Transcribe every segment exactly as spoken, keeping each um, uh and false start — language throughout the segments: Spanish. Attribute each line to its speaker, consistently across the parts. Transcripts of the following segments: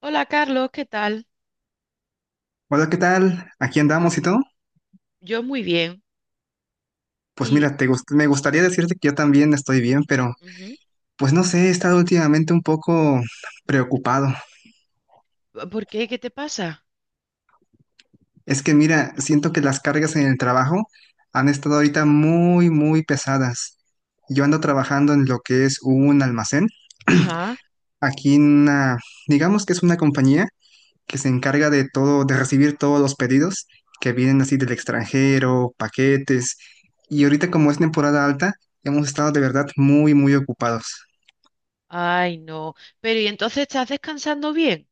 Speaker 1: Hola Carlos, ¿qué tal?
Speaker 2: Hola, ¿qué tal? Aquí andamos y todo.
Speaker 1: Yo muy bien.
Speaker 2: Pues
Speaker 1: ¿Y
Speaker 2: mira, te gust- me gustaría decirte que yo también estoy bien, pero
Speaker 1: ujú,
Speaker 2: pues no sé, he estado últimamente un poco preocupado.
Speaker 1: por qué? ¿Qué te pasa?
Speaker 2: Es que mira, siento que las cargas en el trabajo han estado ahorita muy, muy pesadas. Yo ando trabajando en lo que es un almacén,
Speaker 1: Ajá.
Speaker 2: aquí en una, digamos que es una compañía que se encarga de todo, de recibir todos los pedidos que vienen así del extranjero, paquetes. Y ahorita como es temporada alta, hemos estado de verdad muy, muy ocupados.
Speaker 1: Ay, no. Pero ¿y entonces estás descansando bien?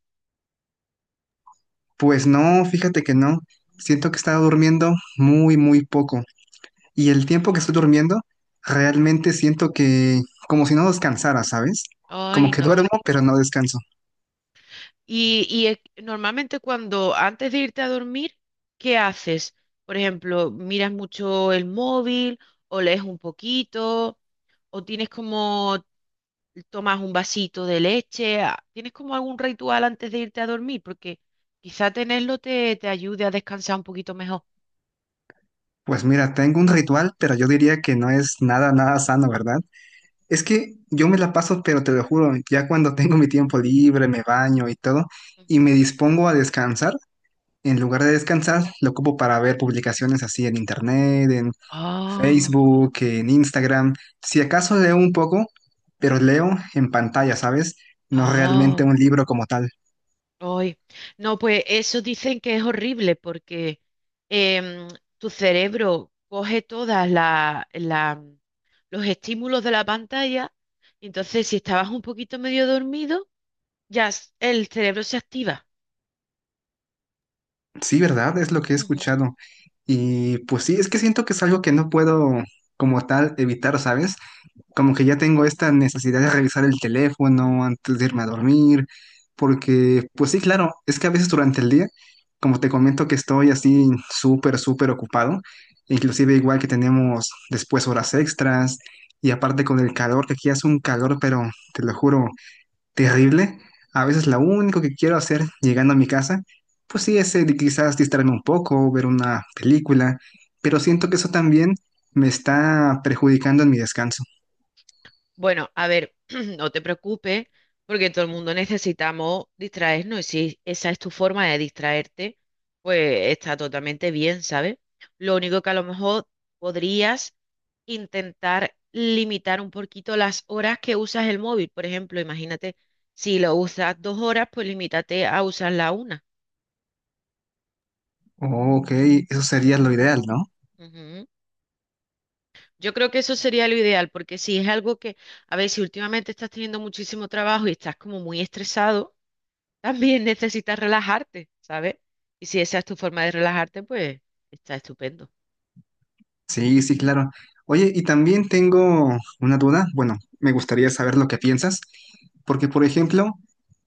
Speaker 2: Pues no, fíjate que no. Siento que he estado durmiendo muy, muy poco. Y el tiempo que estoy durmiendo, realmente siento que como si no descansara, ¿sabes? Como
Speaker 1: Ay,
Speaker 2: que
Speaker 1: no.
Speaker 2: duermo, pero no descanso.
Speaker 1: Y, y es- Normalmente cuando antes de irte a dormir, ¿qué haces? Por ejemplo, ¿miras mucho el móvil o lees un poquito o tienes como tomas un vasito de leche? a- ¿Tienes como algún ritual antes de irte a dormir? Porque quizá tenerlo te, te ayude a descansar un poquito mejor.
Speaker 2: Pues mira, tengo un ritual, pero yo diría que no es nada, nada sano, ¿verdad? Es que yo me la paso, pero te lo juro, ya cuando tengo mi tiempo libre, me baño y todo, y
Speaker 1: Ujú.
Speaker 2: me dispongo a descansar, en lugar de descansar, lo ocupo para ver publicaciones así en internet, en
Speaker 1: Ah,
Speaker 2: Facebook, en Instagram. Si acaso leo un poco, pero leo en pantalla, ¿sabes? No realmente
Speaker 1: ah,
Speaker 2: un libro como tal.
Speaker 1: ay. No, pues eso dicen que es horrible porque em, tu cerebro coge todas la, la- los estímulos de la pantalla y entonces si estabas un poquito medio dormido, ya s- el cerebro se activa.
Speaker 2: Sí, ¿verdad? Es lo que he escuchado. Y pues sí, es que siento que es algo que no puedo como tal evitar, ¿sabes? Como que ya tengo esta necesidad de revisar el teléfono antes de irme a dormir, porque pues sí, claro, es que a veces durante el día, como te comento que estoy así súper, súper ocupado, inclusive igual que tenemos después horas extras y aparte con el calor, que aquí hace un calor, pero te lo juro, terrible. A veces lo único que quiero hacer llegando a mi casa, pues sí, es eh, de quizás distraerme un poco, ver una película, pero siento que eso también me está perjudicando en mi descanso.
Speaker 1: Bueno, a ver, no te preocupes, porque todo el mundo necesitamos distraernos y si esa es tu forma de distraerte, pues está totalmente bien, ¿sabes? Lo único que a lo mejor podrías intentar limitar un poquito las horas que usas el móvil. Por ejemplo, imagínate, si lo usas dos horas, pues limítate a usar la una.
Speaker 2: Ok, eso sería lo ideal, ¿no?
Speaker 1: Ujú. Yo creo que eso sería lo ideal, porque si es algo que, a ver, si últimamente estás teniendo muchísimo trabajo y estás como muy estresado, también necesitas relajarte, ¿sabes? Y si esa es tu forma de relajarte, pues está estupendo.
Speaker 2: Sí, sí, claro. Oye, y también tengo una duda. Bueno, me gustaría saber lo que piensas, porque por ejemplo,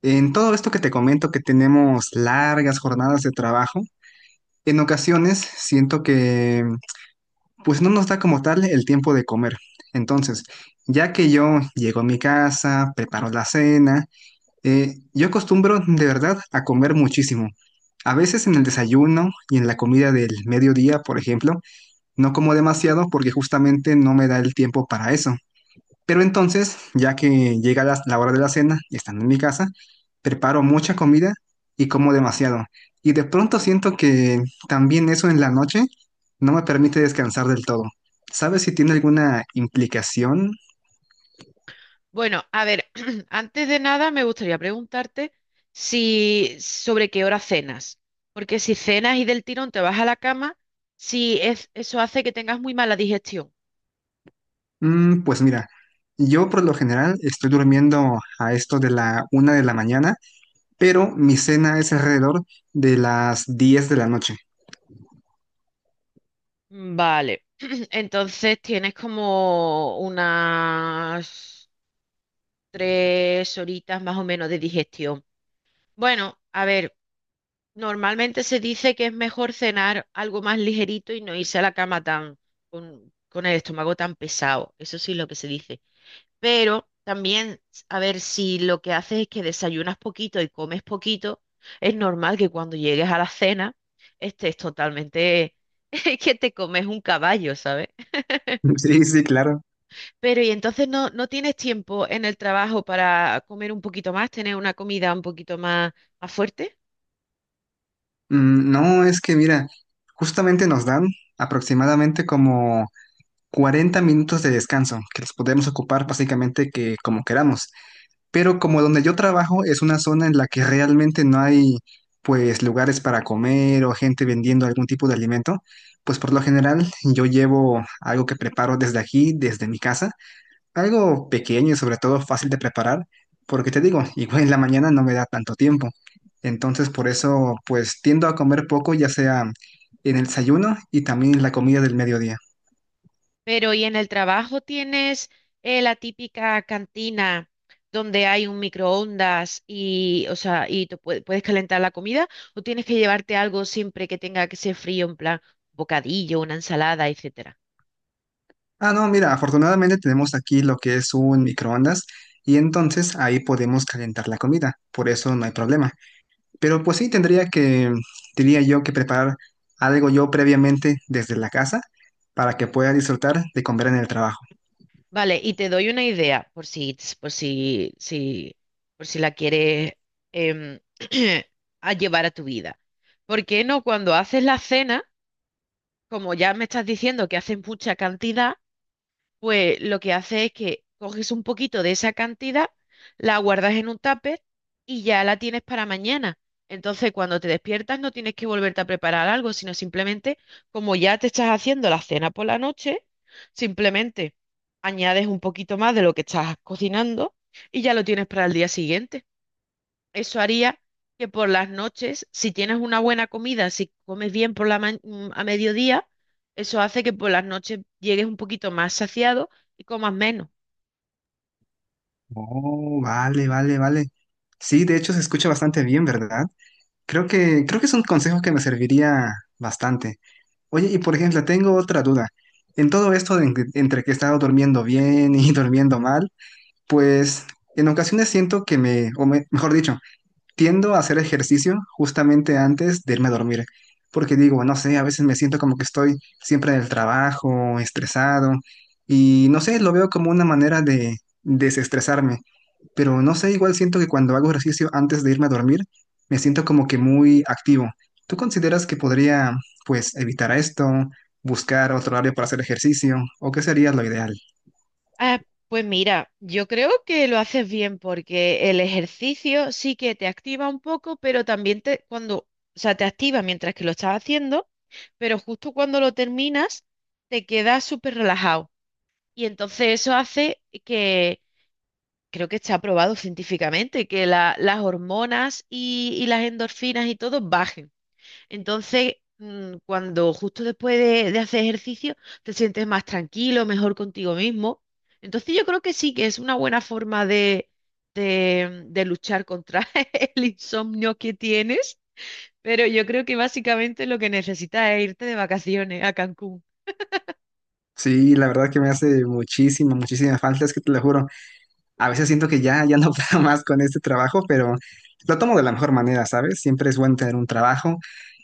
Speaker 2: en todo esto que te comento, que tenemos largas jornadas de trabajo, en ocasiones siento que pues no nos da como tal el tiempo de comer. Entonces, ya que yo llego a mi casa, preparo la cena, eh, yo acostumbro de verdad a comer muchísimo. A veces en el desayuno y en la comida del mediodía, por ejemplo. No como demasiado porque justamente no me da el tiempo para eso. Pero entonces, ya que llega la, la hora de la cena, estando en mi casa, preparo mucha comida y como demasiado. Y de pronto siento que también eso en la noche no me permite descansar del todo. ¿Sabes si tiene alguna implicación?
Speaker 1: Bueno, a ver, antes de nada me gustaría preguntarte si sobre qué hora cenas, porque si cenas y del tirón te vas a la cama, si es, eso hace que tengas muy mala digestión.
Speaker 2: Mm, pues mira, yo por lo general estoy durmiendo a esto de la una de la mañana, pero mi cena es alrededor de las diez de la noche.
Speaker 1: Vale, entonces tienes como unas tres horitas más o menos de digestión. Bueno, a ver. Normalmente se dice que es mejor cenar algo más ligerito y no irse a la cama tan con, con el estómago tan pesado. Eso sí es lo que se dice. Pero también, a ver, si lo que haces es que desayunas poquito y comes poquito, es normal que cuando llegues a la cena estés totalmente, es que te comes un caballo, ¿sabes?
Speaker 2: Sí, sí, claro.
Speaker 1: Pero y entonces no, no tienes tiempo en el trabajo para comer un poquito más, tener una comida un poquito más, más fuerte.
Speaker 2: Mm, no, es que mira, justamente nos dan aproximadamente como cuarenta minutos de descanso, que los podemos ocupar básicamente que como queramos. Pero como donde yo trabajo es una zona en la que realmente no hay pues lugares para comer o gente vendiendo algún tipo de alimento, pues por lo general yo llevo algo que preparo desde aquí, desde mi casa algo pequeño y sobre todo fácil de preparar, porque te digo, igual en la mañana no me da tanto tiempo. Entonces por eso pues tiendo a comer poco, ya sea en el desayuno y también en la comida del mediodía.
Speaker 1: Pero ¿y en el trabajo tienes eh, la típica cantina donde hay un microondas y, o sea, y tú pue- puedes calentar la comida o tienes que llevarte algo siempre que tenga que ser frío, en plan un bocadillo, una ensalada, etcétera?
Speaker 2: Ah, no, mira, afortunadamente tenemos aquí lo que es un microondas y entonces ahí podemos calentar la comida, por eso no hay problema. Pero pues sí tendría que, diría yo, que preparar algo yo previamente desde la casa para que pueda disfrutar de comer en el trabajo.
Speaker 1: Vale, y te doy una idea por si, por si, si, por si la quieres em, a llevar a tu vida. ¿Por qué no cuando haces la cena, como ya me estás diciendo que haces mucha cantidad? Pues lo que hace es que coges un poquito de esa cantidad, la guardas en un tupper y ya la tienes para mañana. Entonces, cuando te despiertas, no tienes que volverte a preparar algo, sino simplemente, como ya te estás haciendo la cena por la noche, simplemente añades un poquito más de lo que estás cocinando y ya lo tienes para el día siguiente. Eso haría que por las noches, si tienes una buena comida, si comes bien por la ma- mm, a mediodía, eso hace que por las noches llegues un poquito más saciado y comas menos.
Speaker 2: Oh, vale, vale, vale. Sí, de hecho se escucha bastante bien, ¿verdad? Creo que, creo que es un consejo que me serviría bastante. Oye, y por ejemplo, tengo otra duda. En todo esto de en- entre que he estado durmiendo bien y durmiendo mal, pues en ocasiones siento que me, o me- mejor dicho, tiendo a hacer ejercicio justamente antes de irme a dormir. Porque digo, no sé, a veces me siento como que estoy siempre en el trabajo, estresado, y no sé, lo veo como una manera de desestresarme, pero no sé, igual siento que cuando hago ejercicio antes de irme a dormir, me siento como que muy activo. ¿Tú consideras que podría, pues, evitar esto, buscar otro horario para hacer ejercicio, o qué sería lo ideal?
Speaker 1: Ah, pues mira, yo creo que lo haces bien porque el ejercicio sí que te activa un poco, pero también te cuando, o sea, te activa mientras que lo estás haciendo, pero justo cuando lo terminas te quedas súper relajado. Y entonces eso hace que creo que está probado científicamente que la- las hormonas y, y las endorfinas y todo bajen. Entonces, mm, cuando justo después de, de hacer ejercicio te sientes más tranquilo, mejor contigo mismo. Entonces, yo creo que sí, que es una buena forma de, de, de luchar contra el insomnio que tienes. Pero yo creo que básicamente lo que necesitas es irte de vacaciones a Cancún.
Speaker 2: Sí, la verdad que me hace muchísima, muchísima falta, es que te lo juro. A veces siento que ya, ya no puedo más con este trabajo, pero lo tomo de la mejor manera, ¿sabes? Siempre es bueno tener un trabajo.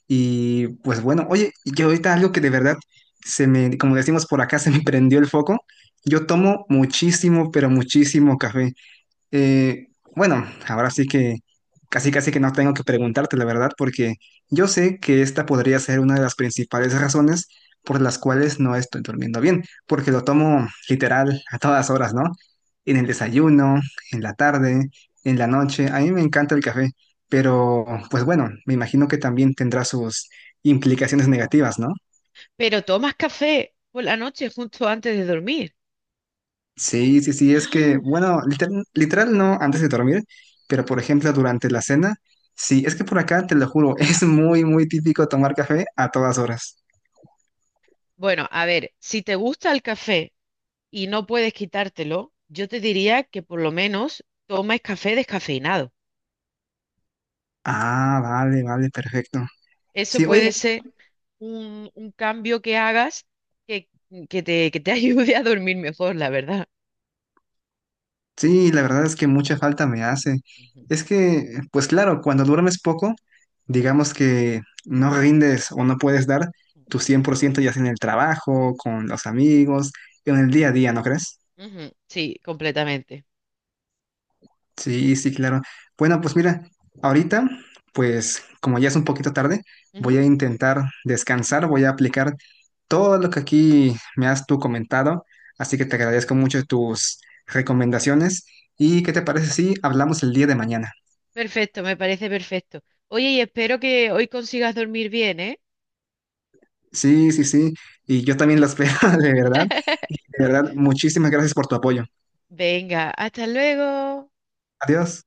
Speaker 2: Y pues bueno, oye, yo ahorita algo que de verdad se me, como decimos por acá, se me prendió el foco. Yo tomo muchísimo, pero muchísimo café. Eh, bueno, ahora sí que casi casi que no tengo que preguntarte la verdad, porque yo sé que esta podría ser una de las principales razones por las cuales no estoy durmiendo bien, porque lo tomo literal a todas horas, ¿no? En el desayuno, en la tarde, en la noche. A mí me encanta el café, pero pues bueno, me imagino que también tendrá sus implicaciones negativas, ¿no?
Speaker 1: Pero tomas café por la noche justo antes de dormir.
Speaker 2: Sí, sí, sí, es que, bueno, literal, literal no antes de dormir, pero por ejemplo durante la cena, sí, es que por acá, te lo juro, es muy, muy típico tomar café a todas horas.
Speaker 1: Bueno, a ver, si te gusta el café y no puedes quitártelo, yo te diría que por lo menos tomes café descafeinado.
Speaker 2: Ah, vale, vale, perfecto.
Speaker 1: Eso
Speaker 2: Sí, oye,
Speaker 1: puede ser un, un cambio que hagas que, que te, que te ayude a dormir mejor, la verdad.
Speaker 2: sí, la verdad es que mucha falta me hace.
Speaker 1: Ujú,
Speaker 2: Es que, pues claro, cuando duermes poco, digamos que no rindes o no puedes dar tu cien por ciento ya sea en el trabajo, con los amigos, en el día a día, ¿no crees?
Speaker 1: ujú, sí, completamente.
Speaker 2: Sí, sí, claro. Bueno, pues mira, ahorita, pues como ya es un poquito tarde, voy
Speaker 1: Ujú,
Speaker 2: a intentar descansar, voy a aplicar todo lo que aquí me has tú comentado, así que te agradezco mucho tus recomendaciones y ¿qué te parece si hablamos el día de mañana?
Speaker 1: perfecto, me parece perfecto. Oye, y espero que hoy consigas dormir bien, ¿eh?
Speaker 2: Sí, sí, sí, y yo también las veo, de verdad, de verdad, muchísimas gracias por tu apoyo.
Speaker 1: Venga, hasta luego.
Speaker 2: Adiós.